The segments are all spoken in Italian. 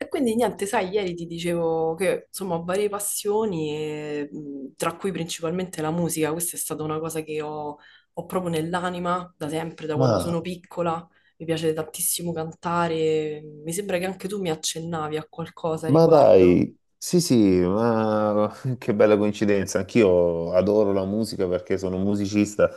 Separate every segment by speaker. Speaker 1: E quindi niente, sai, ieri ti dicevo che insomma ho varie passioni, e, tra cui principalmente la musica. Questa è stata una cosa che ho proprio nell'anima da sempre, da quando
Speaker 2: Ma,
Speaker 1: sono piccola. Mi piace tantissimo cantare. Mi sembra che anche tu mi accennavi a qualcosa a
Speaker 2: ma
Speaker 1: riguardo.
Speaker 2: dai, sì sì, ma che bella coincidenza, anch'io adoro la musica perché sono un musicista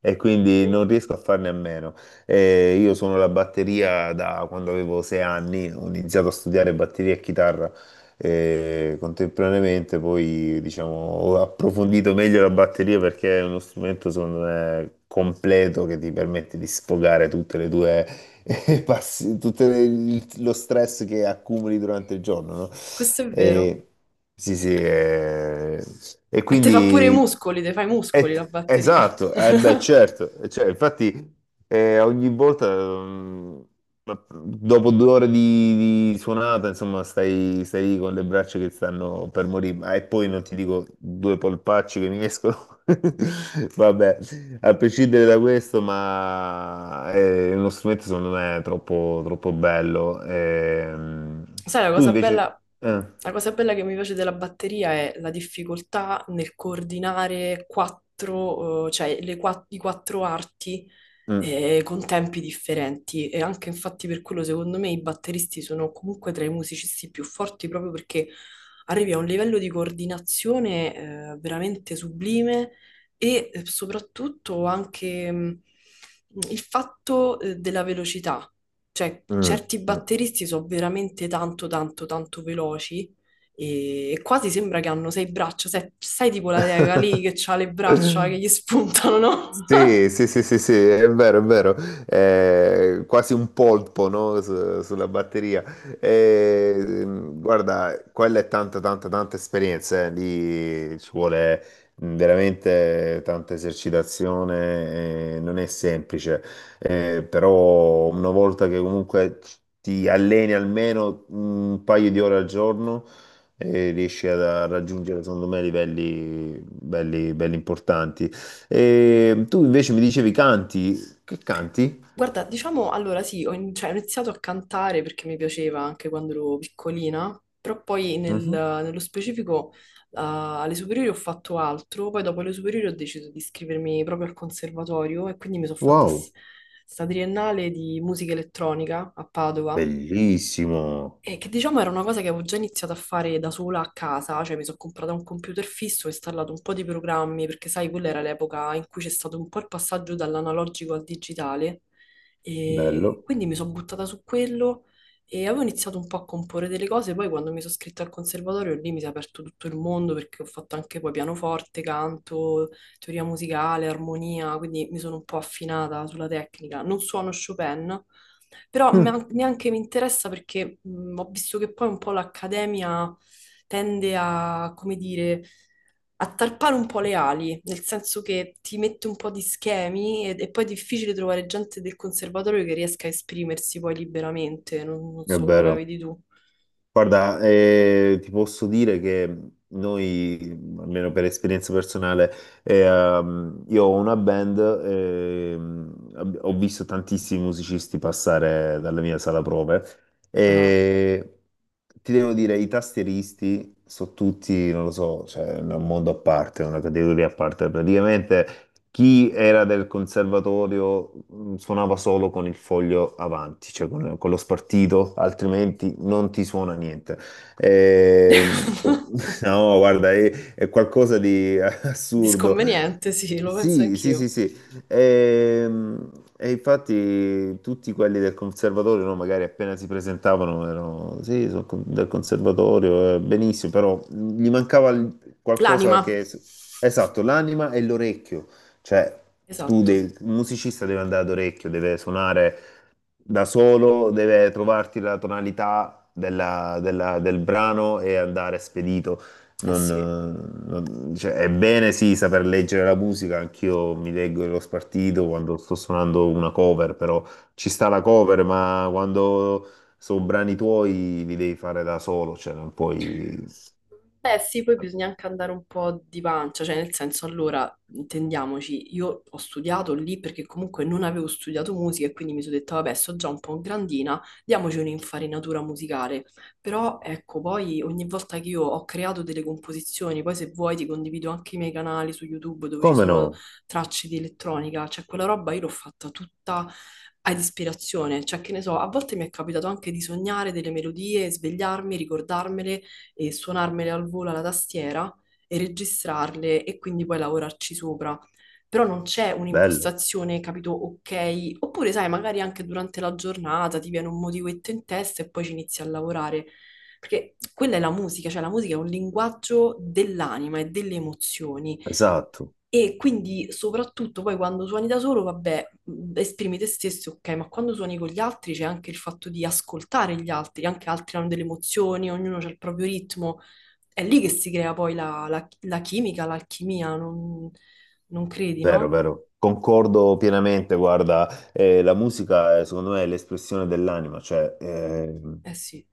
Speaker 2: e quindi non riesco a farne a meno. Io sono la batteria da quando avevo 6 anni, ho iniziato a studiare batteria e chitarra contemporaneamente, poi diciamo ho approfondito meglio la batteria perché è uno strumento secondo me completo che ti permette di sfogare tutte le tue e passi tutto lo stress che accumuli durante il giorno, no?
Speaker 1: Questo è vero.
Speaker 2: E, sì, sì, e
Speaker 1: E te fa pure i
Speaker 2: quindi.
Speaker 1: muscoli, te fai i muscoli la batteria.
Speaker 2: Esatto, eh beh, certo, cioè, infatti ogni volta, dopo 2 ore di suonata, insomma, stai lì con le braccia che stanno per morire, ma e poi non ti dico due polpacci che mi escono, vabbè, a prescindere da questo, ma è uno strumento secondo me troppo, troppo bello.
Speaker 1: Sai,
Speaker 2: Tu invece...
Speaker 1: la cosa bella che mi piace della batteria è la difficoltà nel coordinare quattro, cioè i quattro arti,
Speaker 2: mm,
Speaker 1: con tempi differenti. E anche infatti per quello, secondo me, i batteristi sono comunque tra i musicisti più forti proprio perché arrivi a un livello di coordinazione, veramente sublime e soprattutto anche, il fatto, della velocità. Cioè,
Speaker 2: mm,
Speaker 1: certi batteristi sono veramente tanto, tanto, tanto veloci e quasi sembra che hanno sei braccia. Sai, sai tipo la teca lì che ha le braccia che
Speaker 2: mm.
Speaker 1: gli spuntano, no?
Speaker 2: Sì, sì, sì, sì, sì, è vero, è vero. Quasi un polpo, no? Sulla batteria. Eh, Guarda, quella è tanta, tanta, tanta esperienza, eh. Lì ci vuole veramente tanta esercitazione, non è semplice. Però una volta che comunque ti alleni almeno un paio di ore al giorno, riesci a raggiungere, secondo me, livelli belli belli importanti. E tu invece mi dicevi canti. Che canti?
Speaker 1: Guarda, diciamo, allora sì, cioè, ho iniziato a cantare perché mi piaceva anche quando ero piccolina, però poi
Speaker 2: Mhm.
Speaker 1: nello specifico alle superiori ho fatto altro, poi dopo le superiori ho deciso di iscrivermi proprio al conservatorio e quindi mi sono fatta
Speaker 2: Wow,
Speaker 1: sta triennale di musica elettronica a Padova.
Speaker 2: bellissimo,
Speaker 1: E che diciamo era una cosa che avevo già iniziato a fare da sola a casa, cioè mi sono comprata un computer fisso, ho installato un po' di programmi, perché sai, quella era l'epoca in cui c'è stato un po' il passaggio dall'analogico al digitale, e
Speaker 2: bello.
Speaker 1: quindi mi sono buttata su quello e avevo iniziato un po' a comporre delle cose, poi quando mi sono iscritta al conservatorio lì mi si è aperto tutto il mondo perché ho fatto anche poi pianoforte, canto, teoria musicale, armonia, quindi mi sono un po' affinata sulla tecnica. Non suono Chopin, però
Speaker 2: Mm,
Speaker 1: neanche mi interessa perché ho visto che poi un po' l'Accademia tende a, come dire, a tarpare un po' le ali, nel senso che ti mette un po' di schemi e, poi è difficile trovare gente del conservatorio che riesca a esprimersi poi liberamente, non
Speaker 2: è
Speaker 1: so come la
Speaker 2: vero.
Speaker 1: vedi tu.
Speaker 2: Guarda, ti posso dire che noi, almeno per esperienza personale, io ho una band, ho visto tantissimi musicisti passare dalla mia sala prove
Speaker 1: Ah.
Speaker 2: e ti devo dire, i tastieristi sono tutti, non lo so, cioè, è un mondo a parte, è una categoria a parte praticamente. Chi era del conservatorio suonava solo con il foglio avanti, cioè con lo spartito, altrimenti non ti suona niente. Ehm, no, guarda, è qualcosa di assurdo.
Speaker 1: Disconveniente, sì, lo penso
Speaker 2: Sì, sì, sì,
Speaker 1: anch'io.
Speaker 2: sì. Ehm, E, infatti tutti quelli del conservatorio, no, magari appena si presentavano, erano, sì, sono del conservatorio, benissimo, però gli mancava qualcosa
Speaker 1: L'anima,
Speaker 2: che... Esatto, l'anima e l'orecchio. Cioè, tu
Speaker 1: esatto.
Speaker 2: un musicista deve andare ad orecchio, deve suonare da solo, deve trovarti la tonalità del brano e andare spedito.
Speaker 1: Eh
Speaker 2: Non,
Speaker 1: sì.
Speaker 2: cioè, è bene sì saper leggere la musica, anch'io mi leggo lo spartito quando sto suonando una cover, però ci sta la cover, ma quando sono brani tuoi li devi fare da solo, cioè non puoi...
Speaker 1: Beh, sì, poi bisogna anche andare un po' di pancia, cioè nel senso, allora, intendiamoci, io ho studiato lì perché comunque non avevo studiato musica e quindi mi sono detta, vabbè, sto già un po' grandina, diamoci un'infarinatura musicale. Però ecco, poi ogni volta che io ho creato delle composizioni, poi se vuoi ti condivido anche i miei canali su YouTube dove ci
Speaker 2: Come
Speaker 1: sono
Speaker 2: no?
Speaker 1: tracce di elettronica, cioè quella roba io l'ho fatta tutta ad ispirazione, cioè che ne so, a volte mi è capitato anche di sognare delle melodie, svegliarmi, ricordarmele e suonarmele al volo alla tastiera e registrarle e quindi poi lavorarci sopra. Però non c'è
Speaker 2: Bello,
Speaker 1: un'impostazione, capito, ok, oppure sai, magari anche durante la giornata ti viene un motivetto in testa e poi ci inizi a lavorare. Perché quella è la musica, cioè la musica è un linguaggio dell'anima e delle emozioni.
Speaker 2: esatto.
Speaker 1: E quindi soprattutto poi quando suoni da solo, vabbè, esprimi te stesso, ok, ma quando suoni con gli altri c'è anche il fatto di ascoltare gli altri, anche altri hanno delle emozioni, ognuno ha il proprio ritmo, è lì che si crea poi la chimica, l'alchimia, non credi,
Speaker 2: Vero,
Speaker 1: no?
Speaker 2: vero, concordo pienamente, guarda, la musica secondo me è l'espressione dell'anima, cioè
Speaker 1: Eh sì,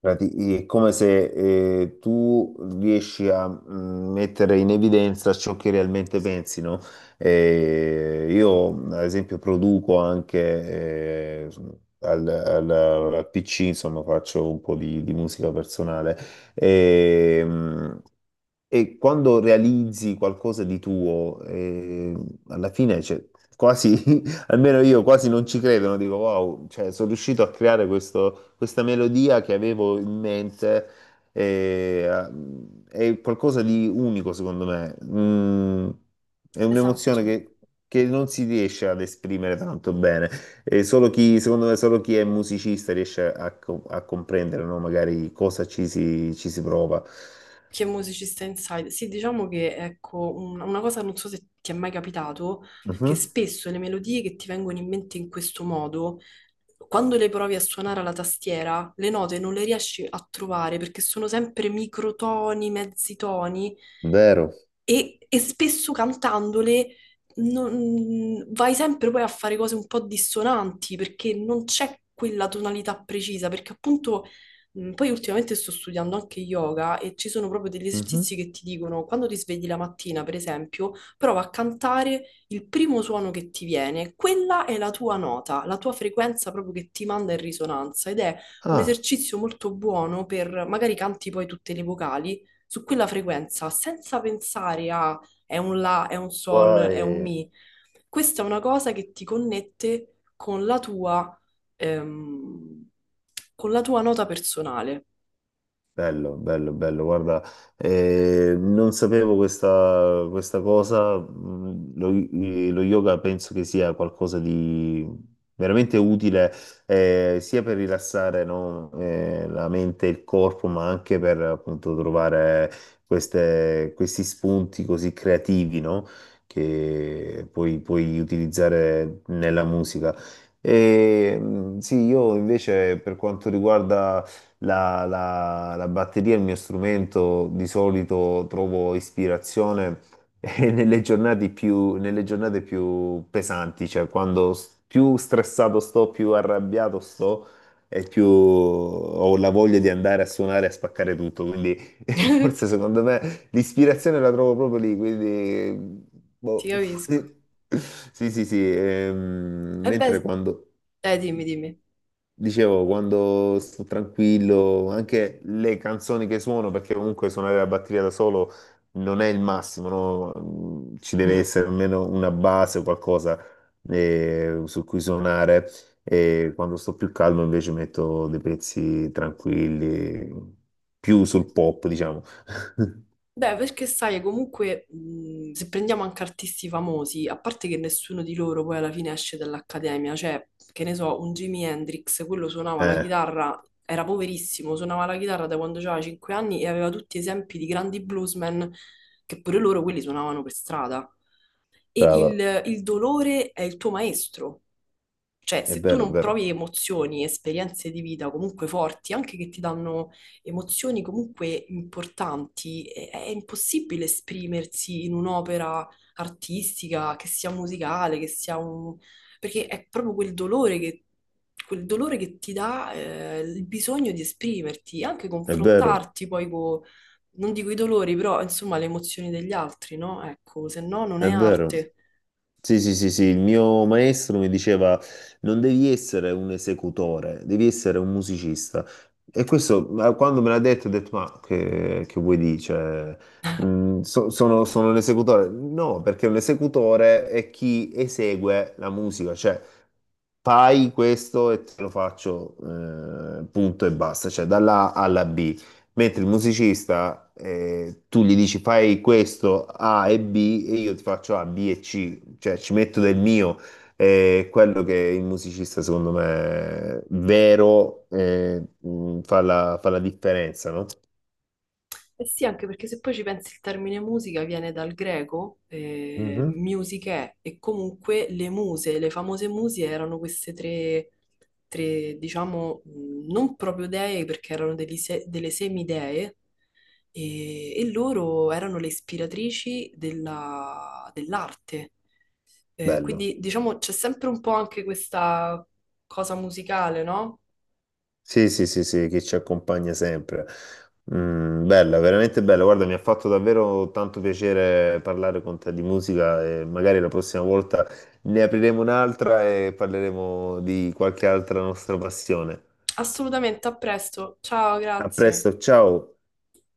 Speaker 2: è come se tu riesci a mettere in evidenza ciò che realmente pensi, no? Io ad esempio produco anche al, al- al PC, insomma faccio un po' di musica personale. Ehm, e quando realizzi qualcosa di tuo, alla fine, cioè, quasi, almeno io quasi non ci credo, no? Dico, wow, cioè, sono riuscito a creare questa melodia che avevo in mente, eh, a- è qualcosa di unico, secondo me. È un'emozione
Speaker 1: esatto.
Speaker 2: che non si riesce ad esprimere tanto bene. E solo chi, secondo me, solo chi è musicista riesce a comprendere, no? Magari cosa ci si prova.
Speaker 1: Che musicista inside? Sì, diciamo che ecco, una cosa non so se ti è mai capitato, che
Speaker 2: Mhm.
Speaker 1: spesso le melodie che ti vengono in mente in questo modo, quando le provi a suonare alla tastiera, le note non le riesci a trovare perché sono sempre microtoni, mezzi toni
Speaker 2: Vero.
Speaker 1: e spesso cantandole vai sempre poi a fare cose un po' dissonanti perché non c'è quella tonalità precisa, perché appunto Poi ultimamente sto studiando anche yoga e ci sono proprio degli esercizi
Speaker 2: Mhm.
Speaker 1: che ti dicono, quando ti svegli la mattina, per esempio, prova a cantare il primo suono che ti viene. Quella è la tua nota, la tua frequenza proprio che ti manda in risonanza ed è un
Speaker 2: Ah,
Speaker 1: esercizio molto buono per magari canti poi tutte le vocali su quella frequenza senza pensare a è un la, è un sol, è un
Speaker 2: poi.
Speaker 1: mi. Questa è una cosa che ti connette con la tua ehm, con la tua nota personale.
Speaker 2: Bello, bello, bello, guarda, non sapevo questa, cosa, lo yoga penso che sia qualcosa di veramente utile sia per rilassare no, la mente e il corpo, ma anche per appunto trovare questi spunti così creativi no, che poi puoi utilizzare nella musica. E, sì, io invece per quanto riguarda la batteria è il mio strumento, di solito trovo ispirazione nelle giornate più pesanti, cioè quando più stressato sto, più arrabbiato sto e più ho la voglia di andare a suonare e a spaccare tutto. Quindi forse secondo me l'ispirazione la trovo proprio lì, quindi
Speaker 1: Ti
Speaker 2: boh.
Speaker 1: capisco.
Speaker 2: Sì, sì, sì.
Speaker 1: E
Speaker 2: Mentre
Speaker 1: beh,
Speaker 2: quando
Speaker 1: dimmi, dimmi.
Speaker 2: Dicevo, quando sto tranquillo, anche le canzoni che suono, perché comunque suonare la batteria da solo non è il massimo, no? Ci deve
Speaker 1: Mm.
Speaker 2: essere almeno una base o qualcosa su cui suonare. E quando sto più calmo invece metto dei pezzi tranquilli, più sul pop, diciamo.
Speaker 1: Beh, perché sai, comunque, se prendiamo anche artisti famosi, a parte che nessuno di loro poi alla fine esce dall'accademia, cioè, che ne so, un Jimi Hendrix, quello suonava la
Speaker 2: Eh,
Speaker 1: chitarra, era poverissimo, suonava la chitarra da quando aveva 5 anni e aveva tutti esempi di grandi bluesmen che pure loro quelli suonavano per strada. E
Speaker 2: Brava,
Speaker 1: il dolore è il tuo maestro. Cioè,
Speaker 2: è
Speaker 1: se tu
Speaker 2: vero, è
Speaker 1: non
Speaker 2: vero,
Speaker 1: provi emozioni, esperienze di vita comunque forti, anche che ti danno emozioni comunque importanti, è impossibile esprimersi in un'opera artistica, che sia musicale, che sia un... perché è proprio quel dolore che ti dà il bisogno di esprimerti, anche
Speaker 2: è vero,
Speaker 1: confrontarti poi con, non dico i dolori, però insomma le emozioni degli altri, no? Ecco, se no non
Speaker 2: è
Speaker 1: è
Speaker 2: vero.
Speaker 1: arte.
Speaker 2: Sì, sì, sì, sì, il mio maestro mi diceva non devi essere un esecutore, devi essere un musicista. E questo, ma quando me l'ha detto, ho detto, ma che vuoi dire? Cioè, sono un esecutore? No, perché un esecutore è chi esegue la musica, cioè fai questo e te lo faccio, punto e basta, cioè dalla A alla B. Mentre il musicista, tu gli dici fai questo A e B e io ti faccio A, B e C cioè ci metto del mio, è quello che il musicista secondo me vero fa la differenza, no?
Speaker 1: Eh sì, anche perché se poi ci pensi il termine musica viene dal greco,
Speaker 2: Mhm.
Speaker 1: music è, e comunque le muse, le famose muse erano queste tre, tre, diciamo, non proprio dee perché erano degli se- delle semidee, e loro erano le ispiratrici dell'arte. Eh,
Speaker 2: Bello.
Speaker 1: quindi diciamo c'è sempre un po' anche questa cosa musicale, no?
Speaker 2: Sì, sì, sì, sì, che ci accompagna sempre. Bella, veramente bella. Guarda, mi ha fatto davvero tanto piacere parlare con te di musica e magari la prossima volta ne apriremo un'altra e parleremo di qualche altra nostra passione.
Speaker 1: Assolutamente, a presto. Ciao,
Speaker 2: A
Speaker 1: grazie.
Speaker 2: presto, ciao.